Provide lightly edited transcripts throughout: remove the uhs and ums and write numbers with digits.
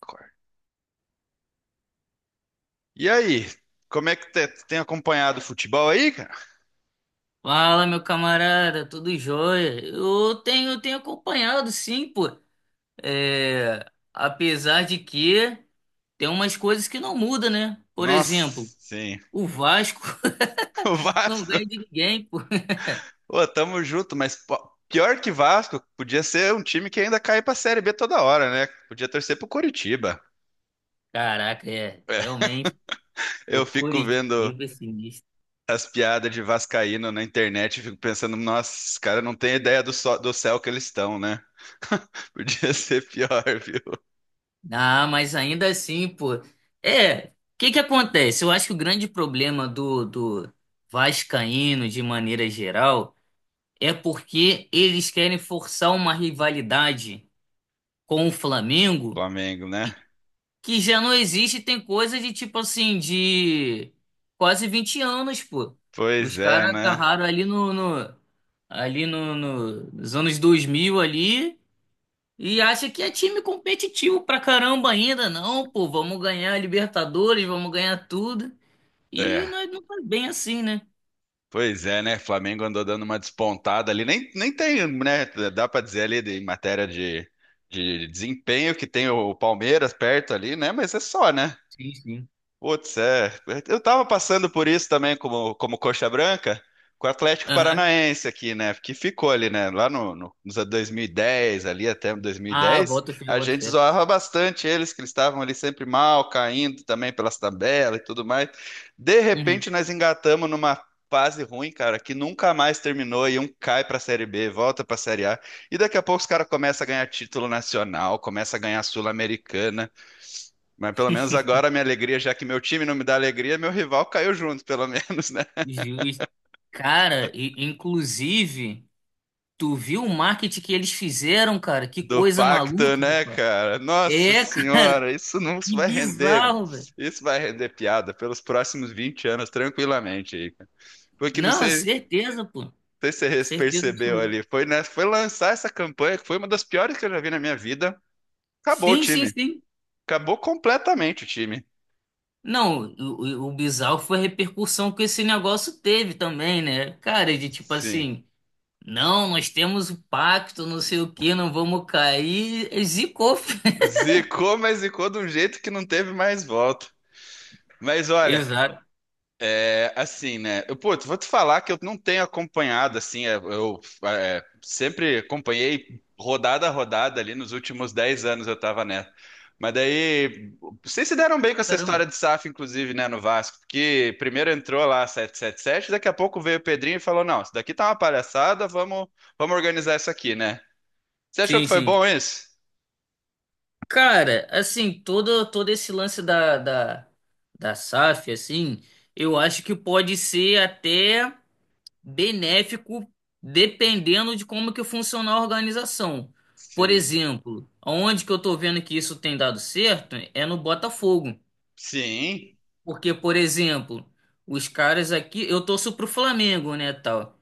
Concordo. E aí, como é que tem acompanhado o futebol aí, cara? Fala, meu camarada, tudo jóia? Eu tenho acompanhado, sim, pô. É, apesar de que tem umas coisas que não mudam, né? Por Nossa, exemplo, sim. o Vasco O não Vasco, ganha de ninguém, pô. ô, tamo junto, mas pô, pior que Vasco, podia ser um time que ainda cai pra Série B toda hora, né? Podia torcer pro Coritiba. Caraca, é, É, realmente, eu o fico vendo Curitiba é sinistro. as piadas de vascaíno na internet e fico pensando, nossa, esses caras não têm ideia do céu que eles estão, né? Podia ser pior, viu? Ah, mas ainda assim, pô. É, o que que acontece? Eu acho que o grande problema do vascaíno, de maneira geral, é porque eles querem forçar uma rivalidade com o Flamengo Flamengo, né? que já não existe, tem coisa de tipo assim, de quase 20 anos, pô. Os Pois é, caras né? agarraram ali nos anos 2000 ali e acha que é time competitivo pra caramba ainda, não, pô, vamos ganhar a Libertadores, vamos ganhar tudo. E É. nós não faz bem assim, né? Pois é, né? Flamengo andou dando uma despontada ali. Nem tem, né? Dá pra dizer em matéria de desempenho que tem o Palmeiras perto ali, né? Mas é só, né? Sim, sim. Putz, é. Eu tava passando por isso também como coxa branca com o Atlético Aham. Paranaense aqui, né? Que ficou ali, né? Lá no, no, nos anos 2010 ali até dois mil e Ah, dez boto fé, a boto gente fé. zoava bastante eles, que eles estavam ali sempre mal, caindo também pelas tabelas e tudo mais. De Uhum. repente, nós engatamos numa fase ruim, cara, que nunca mais terminou e um cai pra Série B, volta pra Série A. E daqui a pouco os caras começam a ganhar título nacional, começa a ganhar Sul-Americana. Mas pelo menos agora a minha alegria, já que meu time não me dá alegria, meu rival caiu junto, pelo menos, né? Justo. Cara, e, inclusive, tu viu o marketing que eles fizeram, cara? Que Do coisa pacto, maluca, né, pô. cara? Nossa É, cara, senhora, isso não isso que vai render. bizarro, velho. Isso vai render piada pelos próximos 20 anos, tranquilamente aí, cara. Porque não Não, sei, certeza, pô. não sei se você Certeza percebeu absoluta. ali, foi, né, foi lançar essa campanha, que foi uma das piores que eu já vi na minha vida. Acabou o Sim, sim, time. sim. Acabou completamente o time. Não, o bizarro foi a repercussão que esse negócio teve também, né? Cara, de tipo Sim. assim, não, nós temos o pacto, não sei o que não vamos cair. Zicou. filho. Zicou, mas zicou de um jeito que não teve mais volta. Mas olha, Exato. é, assim, né? Eu, pô, vou te falar que eu não tenho acompanhado, assim, é, sempre acompanhei rodada a rodada ali nos últimos 10 anos eu tava nessa. Mas daí, vocês se deram bem com essa Caramba. história de SAF, inclusive, né, no Vasco, porque primeiro entrou lá 777 daqui a pouco veio o Pedrinho e falou, não, isso daqui tá uma palhaçada, vamos, vamos organizar isso aqui, né? Você achou Sim, que foi sim. bom isso? Cara, assim, todo esse lance da SAF, assim, eu acho que pode ser até benéfico dependendo de como que funciona a organização. Por Sim. exemplo, onde que eu tô vendo que isso tem dado certo é no Botafogo. Sim. Porque, por exemplo, os caras aqui, eu torço pro Flamengo, né, tal.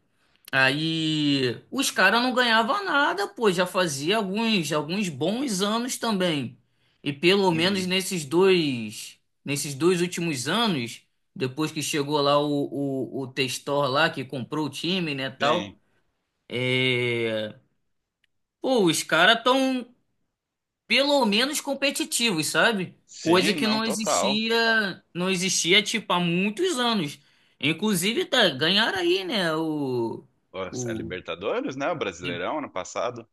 Aí os caras não ganhavam nada, pô, já fazia alguns bons anos também. E pelo menos Uhum. Nesses dois últimos anos, depois que chegou lá o Testor lá que comprou o time, né, tal, Sim. é... pô, os caras tão pelo menos competitivos, sabe? Coisa Sim, que não, não total. existia, não existia tipo há muitos anos. Inclusive, tá, ganharam aí, né, Pô, a o Libertadores, né? O Brasileirão ano passado.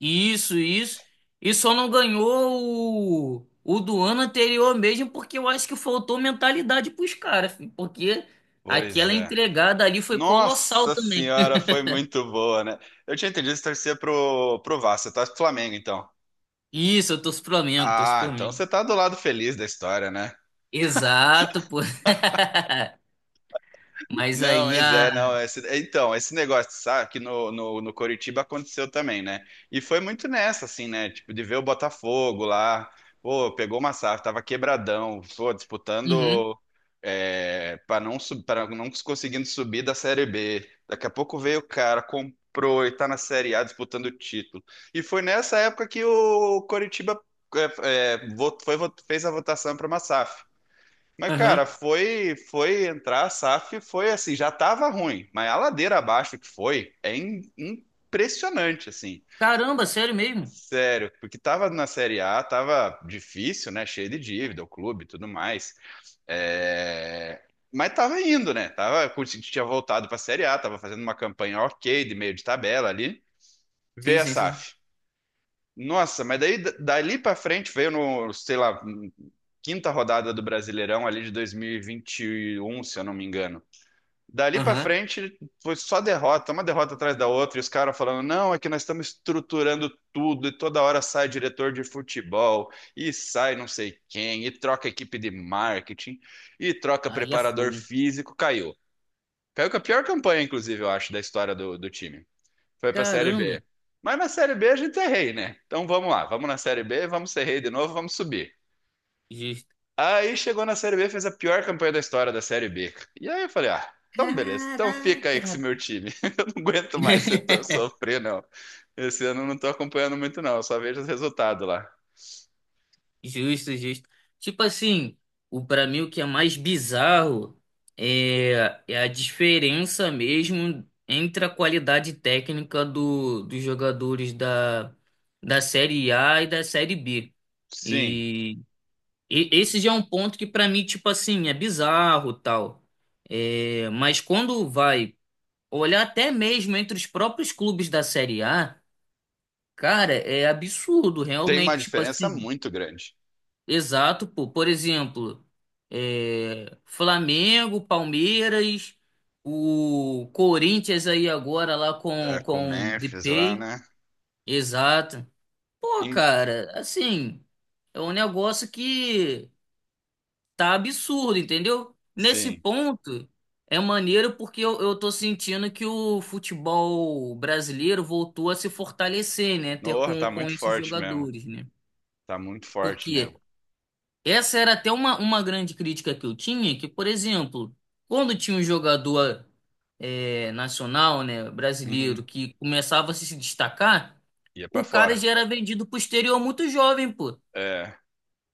Isso, isso. E só não ganhou o do ano anterior mesmo, porque eu acho que faltou mentalidade pros caras, filho, porque Pois aquela é. entregada ali foi colossal Nossa também. senhora, foi muito boa, né? Eu tinha entendido que você torcia pro Vasco, você torce pro Flamengo, então. Isso, eu torço pro Flamengo, torço pro Ah, então Flamengo. você tá do lado feliz da história, né? Exato, pô. Mas Não, aí mas a. é, não. Esse, é, então, esse negócio, sabe, que no Coritiba aconteceu também, né? E foi muito nessa, assim, né? Tipo, de ver o Botafogo lá, pô, pegou uma safra, tava quebradão, pô, Uhum, disputando é, para não, sub- pra não conseguindo subir da Série B. Daqui a pouco veio o cara, comprou e tá na Série A disputando o título. E foi nessa época que o Coritiba fez a votação para uma SAF. Mas, cara, aham. Foi entrar a SAF, foi assim, já tava ruim, mas a ladeira abaixo que foi é impressionante, assim. Caramba, sério mesmo? Sério, porque tava na Série A, tava difícil, né? Cheio de dívida, o clube e tudo mais. É, mas tava indo, né? Tava, tinha voltado pra Série A, tava fazendo uma campanha ok, de meio de tabela ali. Sim, Veio a sim, sim. SAF. Nossa, mas daí dali pra frente veio no, sei lá, quinta rodada do Brasileirão ali de 2021, se eu não me engano. Dali pra Aham. frente foi só derrota, uma derrota atrás da outra, e os caras falando: não, é que nós estamos estruturando tudo, e toda hora sai diretor de futebol, e sai não sei quem, e troca equipe de marketing, e troca Aí é preparador fogo. físico. Caiu. Caiu com a pior campanha, inclusive, eu acho, da história do time. Foi pra Série Caramba. B. Mas na Série B a gente é rei, né? Então vamos lá, vamos na Série B, vamos ser rei de novo, vamos subir. Justo. Aí chegou na Série B, fez a pior campanha da história da Série B. E aí eu falei, ah, então beleza, então fica aí com Caraca. esse meu time. Eu não aguento mais sofrer, não. Esse ano eu não tô acompanhando muito, não, eu só vejo os resultados lá. Justo, justo. Tipo assim, o para mim o que é mais bizarro é a diferença mesmo entre a qualidade técnica dos jogadores da Série A e da Série B. Sim, E, e esse já é um ponto que para mim, tipo assim, é bizarro, tal. É, mas quando vai olhar até mesmo entre os próprios clubes da Série A, cara, é absurdo, tem uma realmente, tipo diferença assim. muito grande. Exato, pô. Por exemplo, Flamengo, Palmeiras, o Corinthians aí agora lá É, com com o com Memphis lá, Depay. né? Exato. Pô, Em- cara, assim, é um negócio que tá absurdo, entendeu? Nesse Sim. ponto é maneiro porque eu tô sentindo que o futebol brasileiro voltou a se fortalecer, né? Ter Nossa, com tá com muito esses forte mesmo. jogadores, né? Tá muito forte Porque mesmo. essa era até uma grande crítica que eu tinha, que, por exemplo, quando tinha um jogador nacional, né, Uhum. brasileiro, que começava a se destacar, Ia pra o cara fora. já era vendido pro exterior muito jovem, pô. É,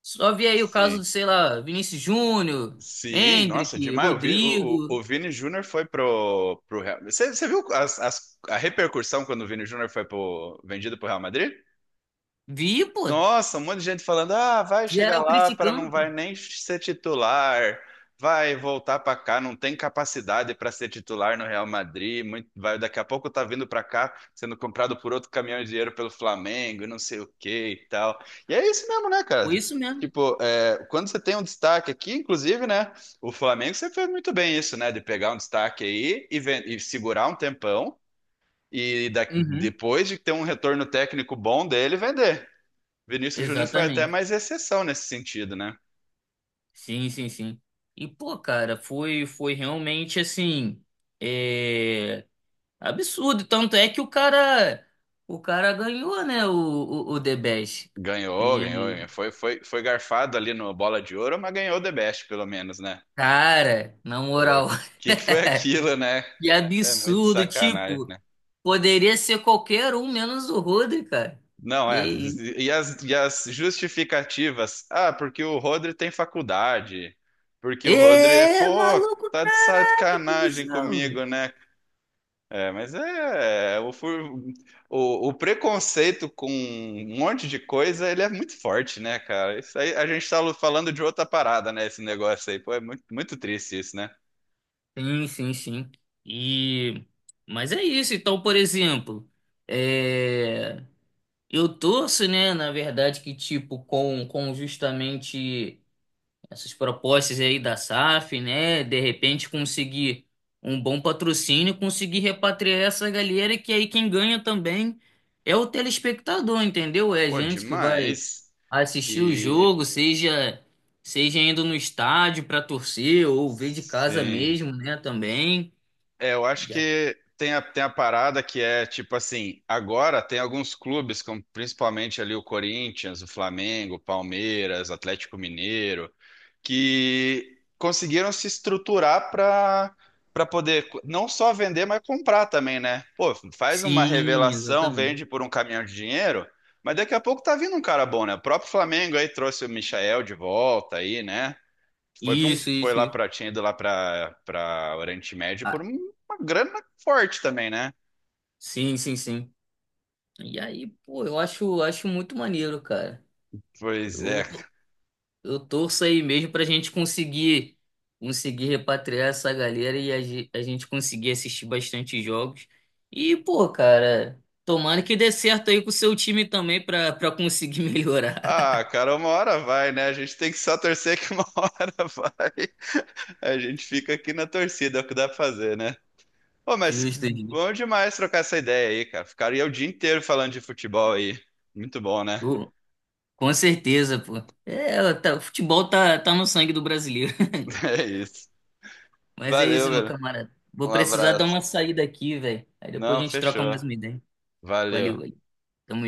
Só vi aí o caso sim. do, sei lá, Vinícius Júnior, Sim, nossa, Hendrick, demais. O Vini, Rodrigo. o Vini Júnior foi pro Real. Você viu a repercussão quando o Vini Júnior foi pro, vendido pro Real Madrid? Vi, pô. Nossa, um monte de gente falando: ah, vai chegar Geral lá para não criticando, pô. vai nem ser titular, vai voltar para cá, não tem capacidade para ser titular no Real Madrid, vai daqui a pouco tá vindo para cá sendo comprado por outro caminhão de dinheiro pelo Flamengo, e não sei o que e tal. E é isso mesmo, né, Foi cara? isso mesmo. Tipo, é, quando você tem um destaque aqui, inclusive, né? O Flamengo você fez muito bem isso, né? De pegar um destaque aí e segurar um tempão e Uhum. depois de ter um retorno técnico bom dele, vender. Vinícius Júnior foi até Exatamente. mais exceção nesse sentido, né? Sim, sim, sim. Pô, cara, foi realmente assim. é, Absurdo, tanto é que o cara ganhou, né, o The Best. Ganhou, ganhou, E, ganhou. Foi garfado ali no Bola de Ouro, mas ganhou o The Best, pelo menos, né? cara, na O moral, que que foi aquilo, né? que É muito absurdo, sacanagem, tipo, né? poderia ser qualquer um menos o Rodri, cara. Não, Que é. isso. E e as justificativas? Ah, porque o Rodri tem faculdade. Porque o Rodri é, É, pô, maluco, tá de caraca, que sacanagem bizarro. comigo, né? É, mas o preconceito com um monte de coisa, ele é muito forte, né, cara? Isso aí, a gente tá falando de outra parada, né? Esse negócio aí, pô, é muito, muito triste isso, né? Sim, sim, sim. E, mas é isso, então, por exemplo, é, eu torço, né, na verdade, que, tipo, com justamente essas propostas aí da SAF, né? De repente conseguir um bom patrocínio, conseguir repatriar essa galera, que aí quem ganha também é o telespectador, entendeu? É a Pô, gente que vai demais. assistir o E jogo, seja indo no estádio para torcer ou ver de casa sim, mesmo, né, também. é, eu acho E a- que tem tem a parada que é tipo assim, agora tem alguns clubes, como principalmente ali o Corinthians, o Flamengo, o Palmeiras, Atlético Mineiro, que conseguiram se estruturar para poder não só vender, mas comprar também, né? Pô, faz uma Sim, revelação, exatamente. vende por um caminhão de dinheiro, mas daqui a pouco tá vindo um cara bom, né? O próprio Flamengo aí trouxe o Michael de volta aí, né? Foi para um Isso, foi isso, lá isso. para tinha ido lá para Oriente Médio por Ah, uma grana forte também, né? sim, sim, sim. E aí, pô, eu acho, acho muito maneiro, cara. Pois é. Eu Eu torço aí mesmo pra gente conseguir repatriar essa galera e a, ge- a gente conseguir assistir bastante jogos. E, pô, cara, tomara que dê certo aí com o seu time também pra conseguir melhorar. Ah, cara, uma hora vai, né? A gente tem que só torcer que uma hora vai. A gente fica aqui na torcida, é o que dá pra fazer, né? Pô, mas Justo, Edgar. bom demais trocar essa ideia aí, cara. Ficaria o dia inteiro falando de futebol aí. Muito bom, né? Pô, com certeza, pô. É, tá- o futebol tá, tá no sangue do brasileiro. É isso. Mas é Valeu, isso, meu velho. camarada. Vou Um precisar dar abraço. uma saída aqui, velho. Aí depois Não, a gente troca mais fechou. uma ideia. Valeu, Valeu. valeu. Tamo